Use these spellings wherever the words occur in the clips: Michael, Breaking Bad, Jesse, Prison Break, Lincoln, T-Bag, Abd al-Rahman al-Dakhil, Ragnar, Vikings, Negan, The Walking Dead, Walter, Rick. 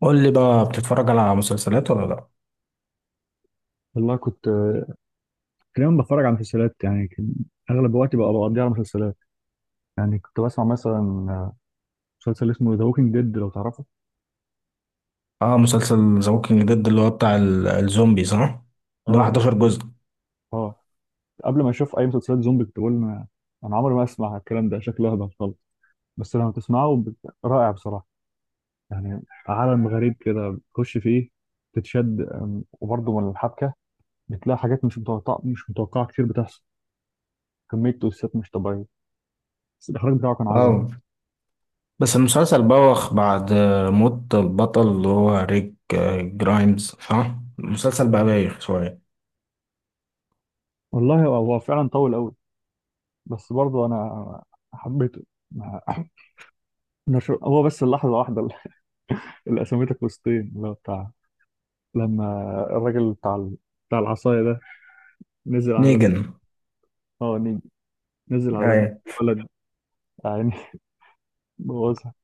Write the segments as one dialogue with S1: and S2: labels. S1: قول لي بقى بتتفرج على مسلسلات ولا لا؟
S2: والله كنت دايما بتفرج على مسلسلات، يعني كان اغلب وقتي بقى بقضيه على مسلسلات. يعني كنت بسمع مثلا آه، مسلسل اسمه ذا ووكينج ديد لو تعرفه.
S1: اه، مسلسل ذا ووكينج ديد اللي هو بتاع الزومبي صح. اللي هو
S2: اه، يعني
S1: 11 جزء.
S2: اه قبل ما اشوف اي مسلسلات زومبي كنت بقول أنا عمري ما اسمع الكلام ده، شكله هبل خالص. بس لما تسمعه رائع بصراحه، يعني عالم غريب كده بتخش فيه تتشد، وبرضه من الحبكه بتلاقي حاجات مش متوقعه، مش متوقعه كتير بتحصل، كميه تويستات مش طبيعيه. بس الاخراج بتاعه كان عظمه.
S1: اه، بس المسلسل بوخ بعد موت البطل اللي هو ريك جرايمز، صح؟ المسلسل بقى بايخ شوية.
S2: والله هو فعلا طول قوي، بس برضه انا حبيته. ما- هو بس اللحظه واحده اللي اللي قسمتك وسطين اللي هو بتاع لما الراجل بتاع العصايه ده نزل على
S1: نيجن.
S2: اه نيجي نزل على دم
S1: ايوه.
S2: الولد يعني بوظها.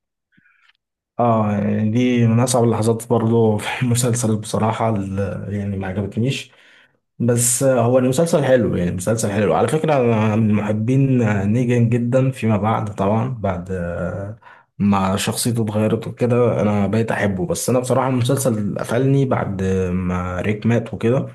S1: اه يعني دي من اصعب اللحظات برضه في المسلسل، بصراحة يعني ما عجبتنيش. بس هو المسلسل حلو يعني، مسلسل حلو. على فكرة أنا من محبين نيجان جدا فيما بعد، طبعا بعد ما شخصيته اتغيرت وكده أنا بقيت أحبه. بس أنا بصراحة المسلسل قفلني بعد ما ريك مات وكده.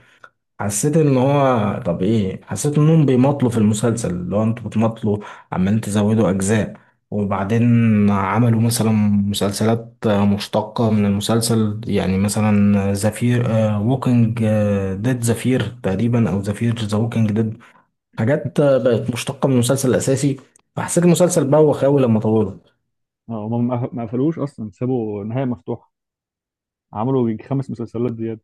S1: حسيت ان هو طب ايه، حسيت انهم بيمطلوا في المسلسل، اللي هو انتوا بتمطلوا، عمالين تزودوا اجزاء. وبعدين عملوا مثلا مسلسلات مشتقة من المسلسل، يعني مثلا زفير ووكينج ديد زفير تقريبا، او زفير ذا ووكينج ديد. حاجات بقت مشتقة من المسلسل الاساسي. فحسيت المسلسل بوخ اوي لما طوله.
S2: اه هم ما قفلوش اصلا، سابوا نهايه مفتوحه، عملوا يجي خمس مسلسلات زياده.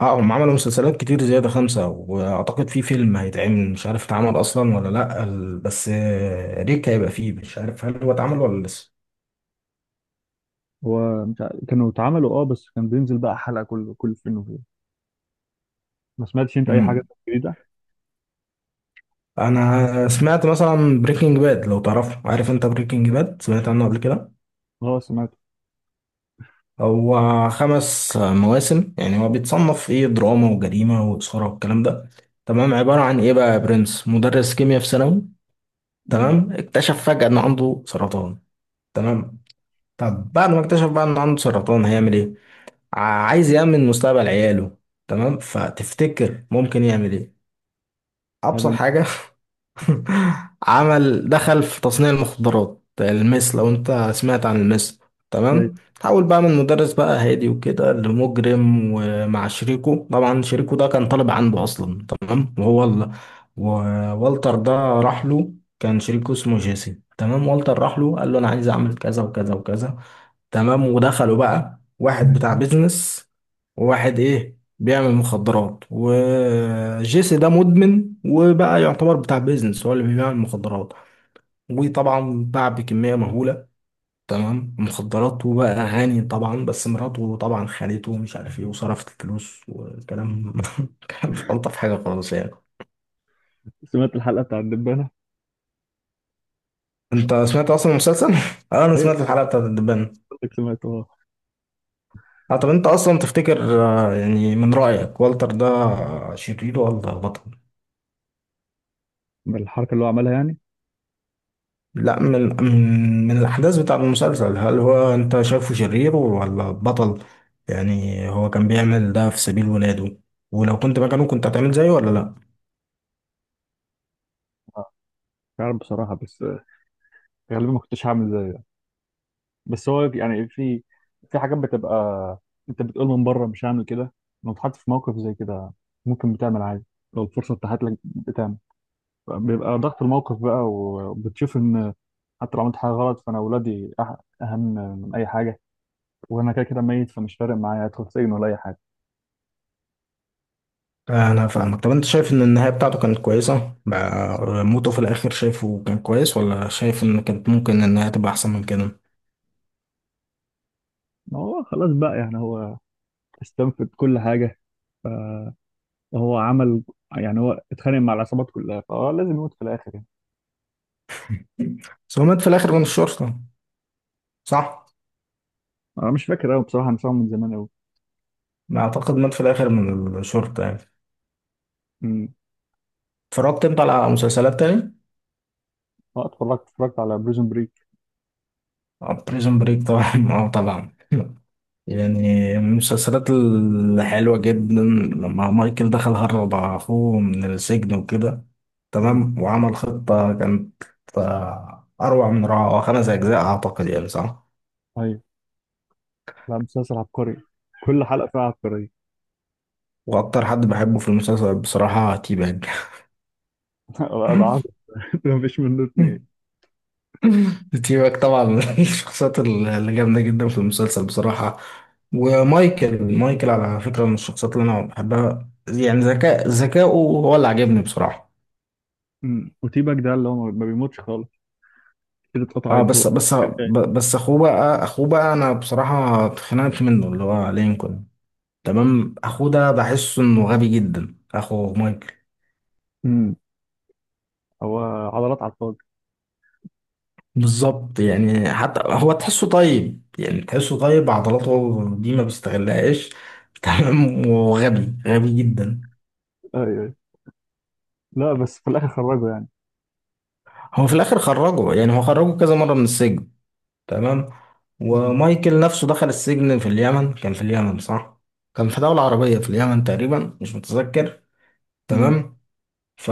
S1: اه، هم عملوا مسلسلات كتير زيادة، خمسة، وأعتقد في فيلم هيتعمل مش عارف اتعمل أصلا ولا لأ. بس ريك هيبقى فيه، مش عارف هل هو اتعمل ولا لسه.
S2: هو مش عارف- كانوا اتعملوا اه، بس كان بينزل بقى حلقه كل فين وفين. ما سمعتش انت اي حاجه
S1: مم.
S2: جديده؟
S1: أنا سمعت مثلا بريكنج باد، لو تعرفه. عارف أنت بريكنج باد؟ سمعت عنه قبل كده؟
S2: اه سمعت.
S1: هو خمس مواسم. يعني هو بيتصنف إيه، دراما وجريمة وإثارة والكلام ده. تمام. عبارة عن إيه بقى يا برنس، مدرس كيمياء في ثانوي،
S2: امم.
S1: تمام، اكتشف فجأة إن عنده سرطان. تمام. طب بعد ما اكتشف بقى إن عنده سرطان هيعمل إيه؟ عايز يأمن مستقبل عياله. تمام. فتفتكر ممكن يعمل ايه؟ ابسط
S2: هبل.
S1: حاجة. عمل، دخل في تصنيع المخدرات، المس. لو انت سمعت عن المس.
S2: أيوة.
S1: تمام. حاول بقى من مدرس بقى هادي وكده لمجرم، ومع شريكه طبعا. شريكه ده كان طالب عنده اصلا، تمام. وهو ال... ووالتر ده راح له. كان شريكه اسمه جيسي، تمام. والتر راح له قال له انا عايز اعمل كذا وكذا وكذا. تمام. ودخلوا بقى واحد بتاع بيزنس وواحد ايه، بيعمل مخدرات. وجيسي ده مدمن وبقى يعتبر بتاع بيزنس، هو اللي بيبيع المخدرات. وطبعا باع بكمية مهولة، تمام، مخدرات. وبقى غني طبعا. بس مراته طبعا خانته ومش عارف ايه، وصرفت الفلوس والكلام. كان مش الطف حاجة خالص يعني.
S2: سمعت الحلقه بتاع الدبانه.
S1: انت سمعت اصلا المسلسل؟ اه، انا
S2: هي،
S1: سمعت الحلقة بتاعت الدبان.
S2: قصدك سمعت.
S1: اه، طب انت اصلا تفتكر يعني من رأيك والتر ده شرير ولا بطل؟
S2: بالحركه اللي هو عملها يعني؟
S1: لا، من الأحداث بتاع المسلسل، هل هو أنت شايفه شرير ولا بطل؟ يعني هو كان بيعمل ده في سبيل ولاده. ولو كنت مكانه كنت هتعمل زيه ولا لا؟
S2: آه، مش عارف بصراحه، بس غالبا ما كنتش هعمل زيه يعني. بس هو يعني في في حاجات بتبقى، انت بتقول من بره مش هعمل كده، لو اتحطيت في موقف زي كده ممكن بتعمل عادي، لو الفرصه اتاحت لك بتعمل. بيبقى ضغط الموقف بقى وبتشوف ان حتى لو عملت حاجه غلط فانا اولادي اهم من اي حاجه، وانا كده كده ميت فمش فارق معايا ادخل سجن ولا اي حاجه.
S1: أنا فاهمك. طب أنت شايف إن النهاية بتاعته كانت كويسة بقى؟ موته في الآخر شايفه كان كويس، ولا شايف إن كانت ممكن النهاية تبقى أحسن من كده؟
S2: ما هو خلاص بقى يعني هو استنفذ كل حاجه، هو عمل يعني هو اتخانق مع العصابات كلها فهو لازم يموت في الاخر يعني.
S1: بس هو مات في الآخر من الشرطة، صح؟
S2: انا مش فاكر قوي بصراحه، انا سامعه من زمان قوي.
S1: أعتقد مات في الآخر من الشرطة يعني.
S2: امم.
S1: اتفرجت أنت على مسلسلات تاني؟
S2: اه اتفرجت، اتفرجت على بريزون بريك.
S1: بريزون بريك، طبعا. اه طبعا. يعني من المسلسلات الحلوة جدا، لما مايكل دخل هرب أخوه من السجن وكده.
S2: امم.
S1: تمام. وعمل خطة كانت أروع من روعة. هو خمس أجزاء أعتقد، يعني صح.
S2: ايوه. لا مسلسل عبقري، كل حلقه فيها عبقريه.
S1: وأكتر حد بحبه في المسلسل بصراحة تيباج.
S2: لا، ده عظم. ما فيش منه اتنين.
S1: تيباج طبعا من الشخصيات اللي جامدة جدا في المسلسل بصراحة. ومايكل، مايكل على فكرة من الشخصيات اللي أنا بحبها. يعني ذكاء، ذكائه هو اللي عجبني بصراحة.
S2: امم. وتيباك ده اللي هو ما بيموتش خالص كده
S1: اه،
S2: اتقطعت هو
S1: بس بس
S2: شغال.
S1: ب- بس اخوه بقى، اخوه بقى، انا بصراحة اتخنقت منه، اللي هو لينكولن. تمام. اخوه ده بحسه انه غبي جدا، اخو مايكل.
S2: امم. هو عضلات على الفاضي.
S1: بالظبط. يعني حتى هو تحسه طيب، يعني تحسه طيب، عضلاته دي ما بيستغلهاش. تمام. وغبي غبي جدا.
S2: ايوه. أيوة. لا بس في الاخر خرجه يعني.
S1: هو في الاخر خرجه يعني، هو خرجه كذا مرة من السجن. تمام.
S2: امم.
S1: ومايكل نفسه دخل السجن في اليمن، كان في اليمن صح؟ كان في دولة عربية، في اليمن تقريبا، مش متذكر.
S2: امم.
S1: تمام. ف،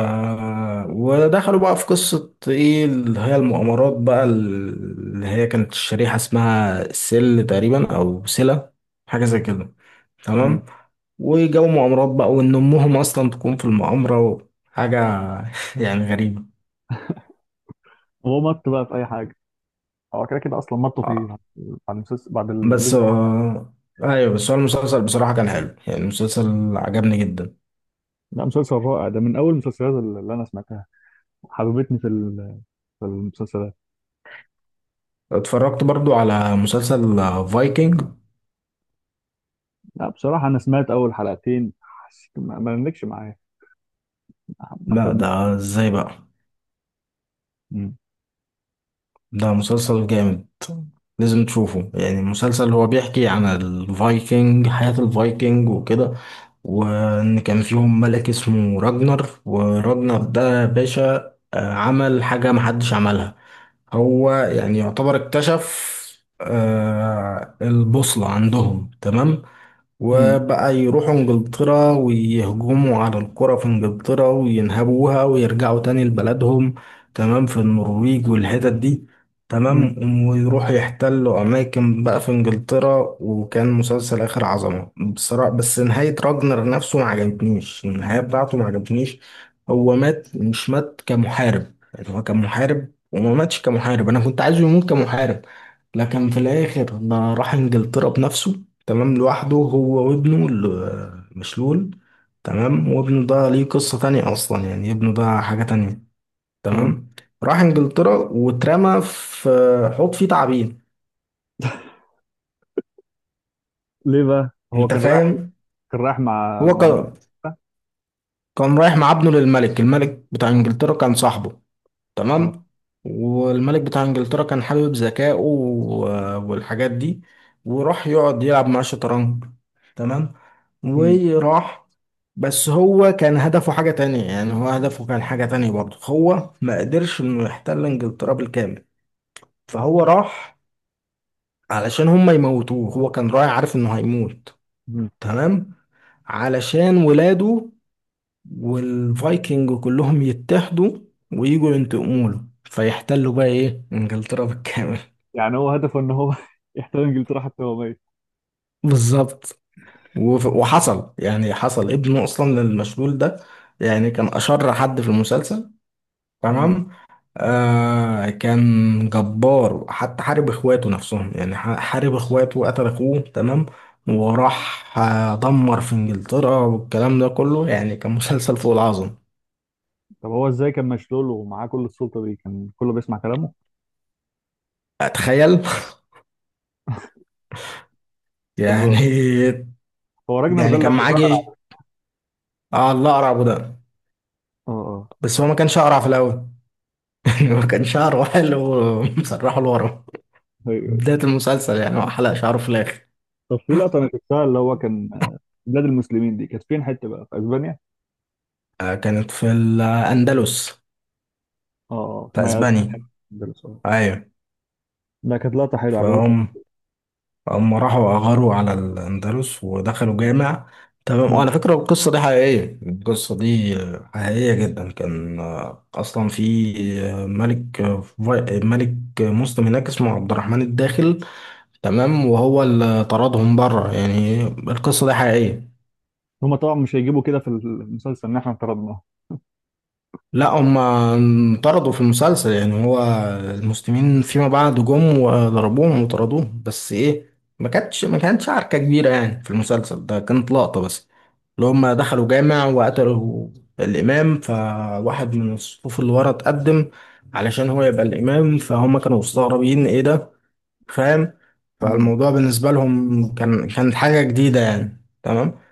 S1: ودخلوا بقى في قصة ايه، اللي هي المؤامرات بقى، اللي هي كانت الشريحة اسمها سل تقريبا، او سلة، حاجة زي كده.
S2: أمم.
S1: تمام. وجو مؤامرات بقى، وان امهم اصلا تكون في المؤامرة، حاجة يعني غريبة.
S2: هو مط بقى في اي حاجه، هو كده كده اصلا مطوا فيه
S1: آه،
S2: بعد المسلسل بعد
S1: بس
S2: الجزء الرابع.
S1: ايوه، بس هو المسلسل بصراحة كان حلو، يعني المسلسل عجبني جدا.
S2: لا مسلسل رائع، ده من اول المسلسلات اللي انا سمعتها، حببتني في في المسلسلات.
S1: اتفرجت برضو على مسلسل فايكنج؟
S2: لا بصراحة أنا سمعت أول حلقتين حسيت ما نملكش معايا، ما
S1: لا
S2: كملت.
S1: ده ازاي بقى؟
S2: مم.
S1: ده مسلسل جامد، لازم تشوفه. يعني مسلسل هو بيحكي عن الفايكنج، حياة الفايكنج وكده. وان كان فيهم ملك اسمه راجنر. وراجنر ده باشا عمل حاجة محدش عملها. هو يعني يعتبر اكتشف البوصلة عندهم. تمام.
S2: امم.
S1: وبقى يروحوا انجلترا ويهجموا على القرى في انجلترا وينهبوها ويرجعوا تاني لبلدهم. تمام، في النرويج والحتت دي.
S2: امم.
S1: تمام. ويروحوا يحتلوا أماكن بقى في انجلترا. وكان مسلسل آخر عظمة بصراحة. بس نهاية راجنر نفسه ما عجبتنيش، النهاية بتاعته ما عجبتنيش. هو مات مش مات كمحارب، يعني هو كان محارب وما ماتش كمحارب، أنا كنت عايزه يموت كمحارب. لكن في الآخر ده راح انجلترا بنفسه، تمام، لوحده هو وابنه مشلول. تمام. وابنه ده ليه قصة تانية أصلا، يعني ابنه ده حاجة تانية.
S2: اه.
S1: تمام. راح إنجلترا واترمى في حوض فيه تعابين.
S2: ليه بقى؟ هو
S1: أنت
S2: كان رايح
S1: فاهم؟
S2: كان رايح مع
S1: هو
S2: مع
S1: كان رايح مع ابنه للملك، الملك بتاع إنجلترا كان صاحبه.
S2: اه.
S1: تمام. والملك بتاع انجلترا كان حابب ذكائه والحاجات دي. وراح يقعد يلعب مع الشطرنج. تمام.
S2: امم.
S1: وراح، بس هو كان هدفه حاجة تانية، يعني هو هدفه كان حاجة تانية برضه. هو ما قدرش انه يحتل انجلترا بالكامل، فهو راح علشان هم يموتوه. هو كان رايح عارف انه هيموت،
S2: امم.
S1: تمام، علشان ولاده والفايكنج كلهم يتحدوا ويجوا ينتقموا له، فيحتلوا بقى ايه، انجلترا بالكامل.
S2: يعني هو هدفه إن هو يحتل إنجلترا حتى وهو ميت.
S1: بالظبط. وحصل يعني، حصل ابنه اصلا للمشلول ده، يعني كان اشر حد في المسلسل.
S2: امم.
S1: تمام. كان جبار، حتى حارب اخواته نفسهم، يعني حارب اخواته وقتل اخوه. تمام. وراح دمر في انجلترا والكلام ده كله. يعني كان مسلسل فوق العظم.
S2: طب هو إزاي كان مشلول ومعاه كل السلطة دي؟ كان كله بيسمع كلامه؟
S1: اتخيل.
S2: طب
S1: يعني،
S2: هو راجنر ده اللي
S1: كان
S2: هو
S1: معاه
S2: الأقرع
S1: جيش.
S2: ده.
S1: اه، الله، اقرع ابو ده.
S2: اه اه.
S1: بس هو ما كانش اقرع في الاول. يعني ما كان شعره حلو، مسرحه لورا
S2: أيوه.
S1: بدايه المسلسل. يعني هو حلق شعره في الاخر.
S2: طب في لقطة أنا شفتها اللي هو كان بلاد المسلمين دي كانت فين حتة بقى؟ في أسبانيا؟
S1: آه كانت في الاندلس،
S2: اه اه
S1: في
S2: ما هي
S1: اسبانيا.
S2: أسبانيا، ده السؤال.
S1: ايوه.
S2: ده كانت لقطة حلوة عجبتني.
S1: فهم، هم راحوا اغاروا على الاندلس ودخلوا جامع. تمام. وعلى فكره القصه دي حقيقيه، القصه دي حقيقيه جدا. كان اصلا في ملك، ملك مسلم هناك اسمه عبد الرحمن الداخل. تمام. وهو اللي طردهم بره، يعني القصة دي حقيقية.
S2: هما طبعا مش هيجيبوا كده في المسلسل اللي احنا افترضناه
S1: لا هم انطردوا في المسلسل، يعني هو المسلمين فيما بعد جم وضربوهم وطردوهم، بس ايه، ما كانتش عركة كبيرة. يعني في المسلسل ده كانت لقطة بس، اللي هم دخلوا جامع وقتلوا الإمام، فواحد من الصفوف اللي ورا اتقدم علشان هو يبقى الإمام. فهم كانوا مستغربين ايه ده، فاهم؟ فالموضوع بالنسبة لهم كان، كانت حاجة جديدة يعني. تمام.